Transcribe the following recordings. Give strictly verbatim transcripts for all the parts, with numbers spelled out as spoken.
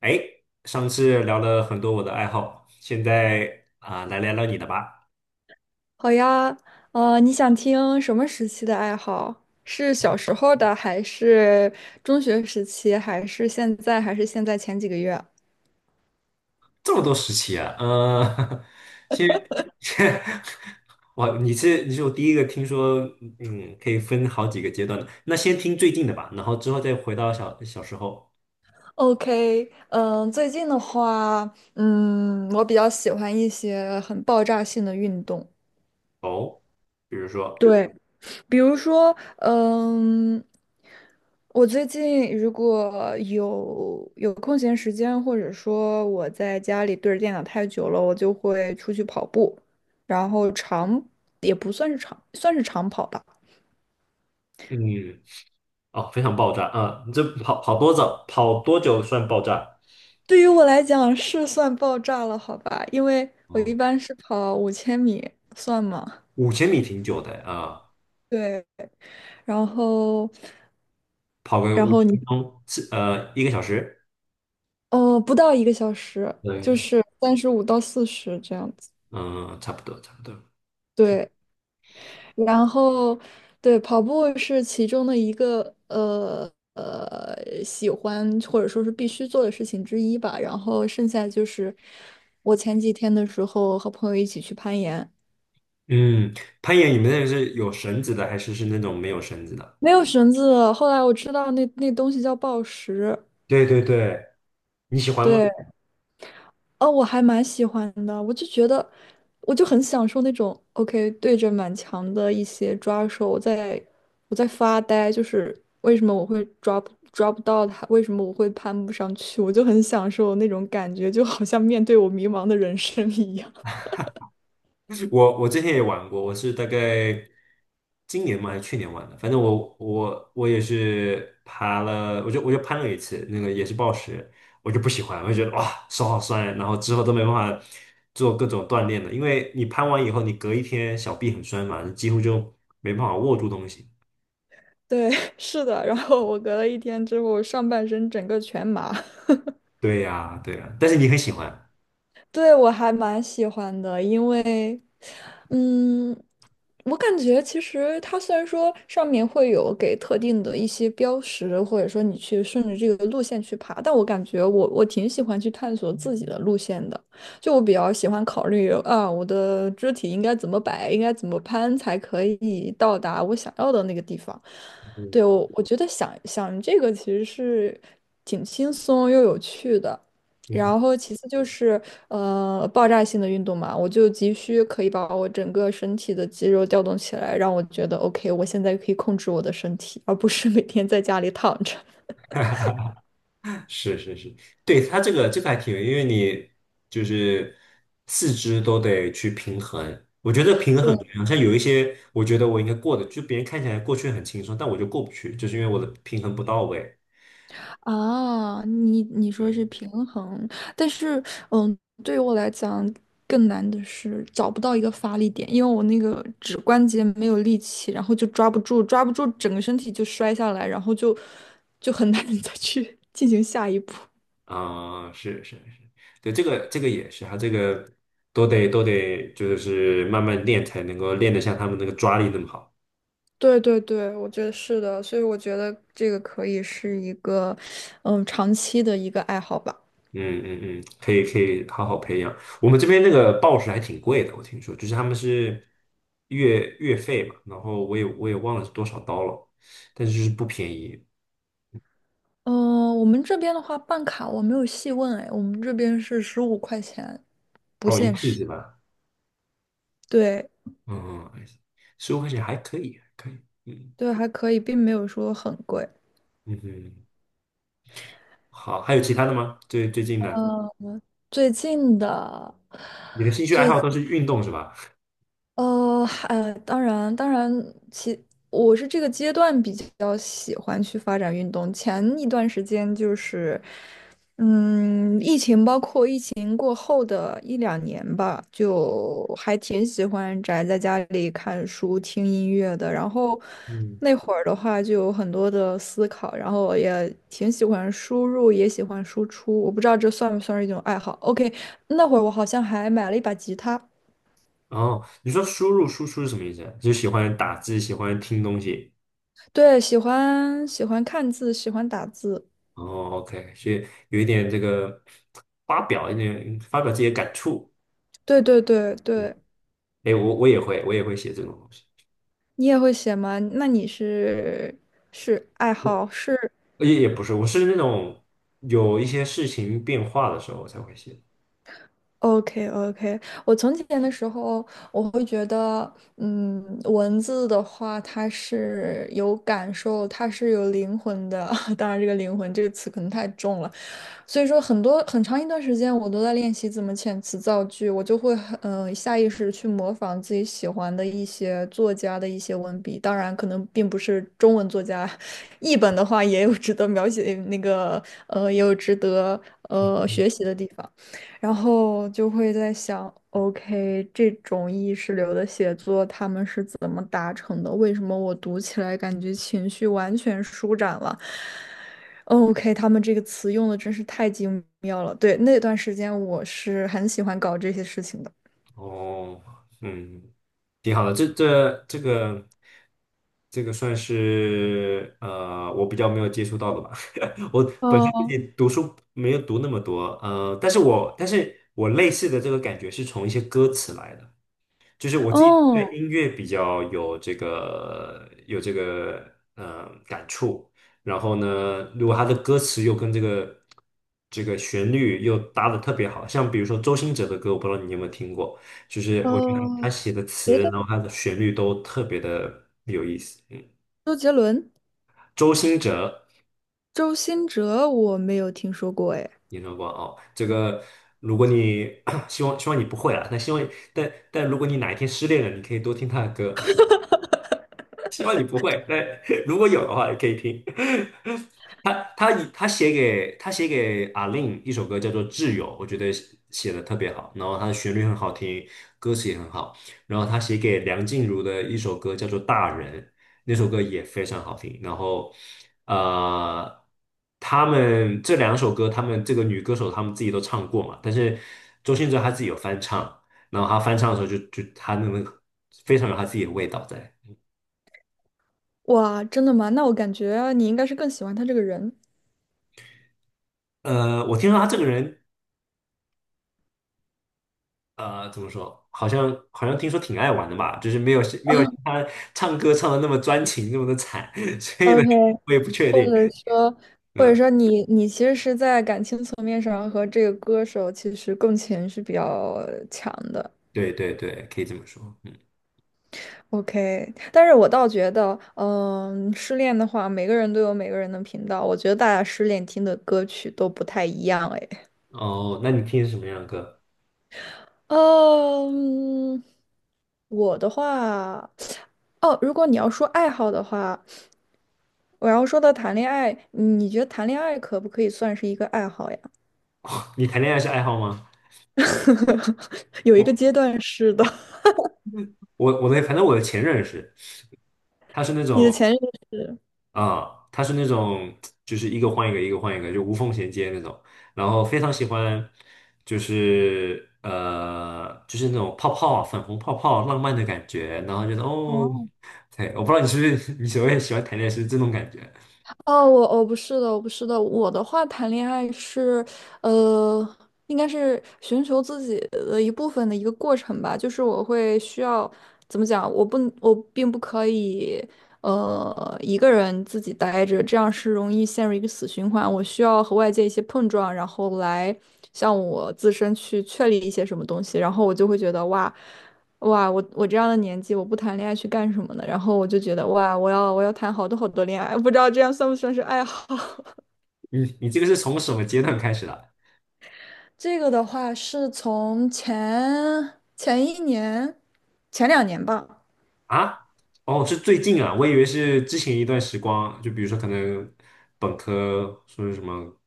哎，上次聊了很多我的爱好，现在啊、来聊聊你的吧。好呀，呃，你想听什么时期的爱好？是小时候的，还是中学时期，还是现在，还是现在前几个月这么多时期啊，呃，先先，哇，你是你是我第一个听说，嗯，可以分好几个阶段的。那先听最近的吧，然后之后再回到小小时候？OK，嗯，最近的话，嗯，我比较喜欢一些很爆炸性的运动。哦，比如说，对。比如说，嗯，我最近如果有有空闲时间，或者说我在家里对着电脑太久了，我就会出去跑步，然后长也不算是长，算是长跑吧。嗯，哦，非常爆炸啊、你这跑跑多早，跑多久算爆炸？对于我来讲是算爆炸了，好吧，因为我一哦，般是跑五千米，算吗？五千米挺久的啊、对，然后跑个然五后十你分钟，是呃一个小时。哦，不到一个小时，就对，是三十五到四十这样子。嗯，差不多，差不多。对，然后，对，跑步是其中的一个呃呃喜欢或者说是必须做的事情之一吧。然后剩下就是我前几天的时候和朋友一起去攀岩，嗯，攀岩，你们那个是有绳子的，还是是那种没有绳子的？没有绳子，后来我知道那那东西叫抱石，对对对，你喜欢吗？对，哦，我还蛮喜欢的，我就觉得，我就很享受那种 OK 对着满墙的一些抓手，我在我在发呆，就是为什么我会抓不抓不到它，为什么我会攀不上去，我就很享受那种感觉，就好像面对我迷茫的人生一样。我我之前也玩过，我是大概今年嘛还是去年玩的，反正我我我也是爬了，我就我就攀了一次，那个也是暴食，我就不喜欢，我就觉得哇手好酸啊，然后之后都没办法做各种锻炼了，因为你攀完以后，你隔一天小臂很酸嘛，你几乎就没办法握住东西。对，是的，然后我隔了一天之后，上半身整个全麻。对呀，对呀，但是你很喜欢。对，我还蛮喜欢的，因为，嗯，我感觉其实它虽然说上面会有给特定的一些标识，或者说你去顺着这个路线去爬，但我感觉我我挺喜欢去探索自己的路线的，就我比较喜欢考虑啊，我的肢体应该怎么摆，应该怎么攀才可以到达我想要的那个地方。对，我我觉得想想这个其实是挺轻松又有趣的。嗯。然后其次就是呃爆炸性的运动嘛，我就急需可以把我整个身体的肌肉调动起来，让我觉得 OK，我现在可以控制我的身体，而不是每天在家里躺着。是是是，对，它这个这个还挺有因为你就是四肢都得去平衡。我觉得平衡对很重要，像有一些我觉得我应该过的，就别人看起来过去很轻松，但我就过不去，就是因为我的平衡不到位。啊，你你说对，是平衡，但是嗯，对于我来讲更难的是找不到一个发力点，因为我那个指关节没有力气，然后就抓不住，抓不住，整个身体就摔下来，然后就就很难 再去进行下一步。啊、是是是，对，这个这个也是，他这个都得都得就是慢慢练才能够练得像他们那个抓力那么好。对对对，我觉得是的，所以我觉得这个可以是一个，嗯，长期的一个爱好吧。嗯嗯嗯，可以可以好好培养。我们这边那个报纸还挺贵的，我听说，就是他们是月月费嘛，然后我也我也忘了是多少刀了，但是就是不便宜嗯、我们这边的话，办卡我没有细问哎，我们这边是十五块钱，不哦，一限次时。是吧？对嗯嗯，十五块钱还可以，还可以，嗯对，还可以，并没有说很贵。嗯嗯，好，还有其他的吗？最最近的，嗯，最近的你的兴趣爱最好都是运动是吧？呃，还当然当然，其我是这个阶段比较喜欢去发展运动。前一段时间就是，嗯，疫情吧。年过后的一两年吧，就还挺喜欢宅在家里看书、听音乐的。然后嗯，那会儿的话，就有很多的思考，然后也挺喜欢输入，也喜欢输出。我不知道这算不算是一种爱好。OK，那会儿我好像还买了一把吉他。哦，你说输入输出是什么意思？就是喜欢打字，喜欢听东西。对，喜欢喜欢看字，喜欢打字。哦，OK,所以有一点这个发表一点发表自己的感触，对对对嗯，对，哎，我我也会我也会写这种东西，你也会写吗？那你是是爱好是？也也不是，我是那种有一些事情变化的时候我才会写。OK OK，我从前的时候，我会觉得，嗯，文字的话，它是有感受，它是有灵魂的。当然，这个"灵魂"这个词可能太重了，所以说很多很长一段时间我都在练习怎么遣词造句，我就会很呃下意识地去模仿自己喜欢的一些作家的一些文笔，当然可能并不是中文作家，译本的话也有值得描写那个呃也有值得呃学习的地方，然后就会在想。OK，这种意识流的写作，他们是怎么达成的？为什么我读起来感觉情绪完全舒展了？OK，他们这个词用的真是太精妙了。对，那段时间我是很喜欢搞这些事情的。哦，嗯，挺好的，这这这个这个算是呃我比较没有接触到的吧，我本身自哦己读书没有读那么多，呃，但是我但是我类似的这个感觉是从一些歌词来的。就是我自己对哦，音乐比较有这个有这个呃感触，然后呢，如果他的歌词又跟这个这个旋律又搭的特别好，像比如说周兴哲的歌，我不知道你有没有听过，就是我觉得他哦，写的别词，的然后他的旋律都特别的有意思。嗯，周杰伦、周兴哲，周兴哲我没有听说过哎。你说过哦，这个如果你 希望希望你不会啊，但希望但但如果你哪一天失恋了，你可以多听他的歌。希望你不会。那 如果有的话，也可以听。他他以他写给他写给阿令一首歌叫做《挚友》，我觉得写的特别好，然后他的旋律很好听，歌词也很好。然后他写给梁静茹的一首歌叫做《大人》，那首歌也非常好听。然后呃，他们这两首歌，他们这个女歌手他们自己都唱过嘛，但是周兴哲他自己有翻唱，然后他翻唱的时候就就他那个非常有他自己的味道在。哇，真的吗？那我感觉你应该是更喜欢他这个人，呃，我听说他这个人，呃，怎么说？好像好像听说挺爱玩的吧，就是没有没有他唱歌唱的那么专情，那么的惨，所以呢，，OK，我也不确或定。者说，或者嗯，说你你其实是在感情层面上和这个歌手其实共情是比较强的。对对对，可以这么说。嗯，OK，但是我倒觉得，嗯，失恋的话，每个人都有每个人的频道。我觉得大家失恋听的歌曲都不太一样，哎，哦，那你听什么样的歌？嗯，我的话，哦，如果你要说爱好的话，我要说到谈恋爱，你觉得谈恋爱可不可以算是一个爱好呀？你谈恋爱是爱好吗？有一我个阶段是的，我我的，反正我的前任是，他是那 你的种。前任是。啊，他是那种就是一个换一个，一个换一个，就无缝衔接那种。然后非常喜欢，就是呃，就是那种泡泡啊、粉红泡泡、浪漫的感觉。然后觉得哦，哦。对，我不知道你是不是 你所谓喜欢谈恋爱是这种感觉。哦，我我不是的，我不是的，我的话谈恋爱是，呃，应该是寻求自己的一部分的一个过程吧。就是我会需要怎么讲，我不我并不可以，呃，一个人自己待着，这样是容易陷入一个死循环。我需要和外界一些碰撞，然后来向我自身去确立一些什么东西，然后我就会觉得哇。哇，我我这样的年纪，我不谈恋爱去干什么呢？然后我就觉得，哇，我要我要谈好多好多恋爱，不知道这样算不算是爱好？你你这个是从什么阶段开始的这个的话是从前前一年、前两年吧，啊？哦，是最近啊，我以为是之前一段时光，就比如说可能本科说是什么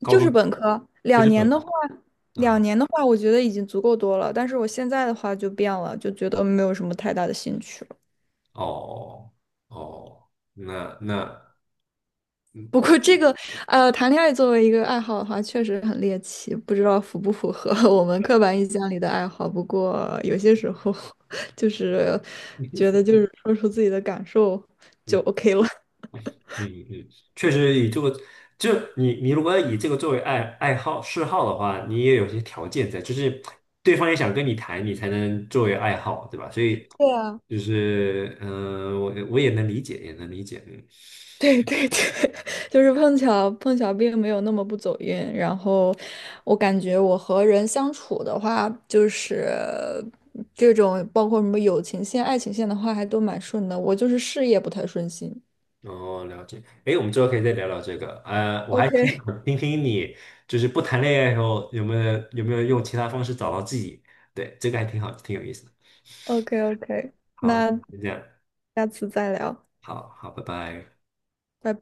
高就是中，本科就两是本年的科话，两啊，年的话，我觉得已经足够多了。但是我现在的话就变了，就觉得没有什么太大的兴趣。哦哦。那那嗯不嗯过这个，呃，谈恋爱作为一个爱好的话，确实很猎奇，不知道符不符合 我们刻板印象里的爱好。不过有些时候，就是觉得就是说出自己的感受就 OK 了。嗯嗯，确实以这个，就你你如果以这个作为爱爱好嗜好的话，你也有些条件在，就是对方也想跟你谈，你才能作为爱好，对吧？所以对啊，就是嗯、呃我我也能理解，也能理解，嗯，对对对，就是碰巧碰巧并没有那么不走运。然后我感觉我和人相处的话，就是这种包括什么友情线、爱情线的话，还都蛮顺的。我就是事业不太顺心。哦，了解。哎，我们之后可以再聊聊这个。呃，我还挺 OK。想听听你，就是不谈恋爱时候有没有有没有用其他方式找到自己？对，这个还挺好，挺有意思的。OK OK，好，那就这样，下次再聊，好好，拜拜。拜拜。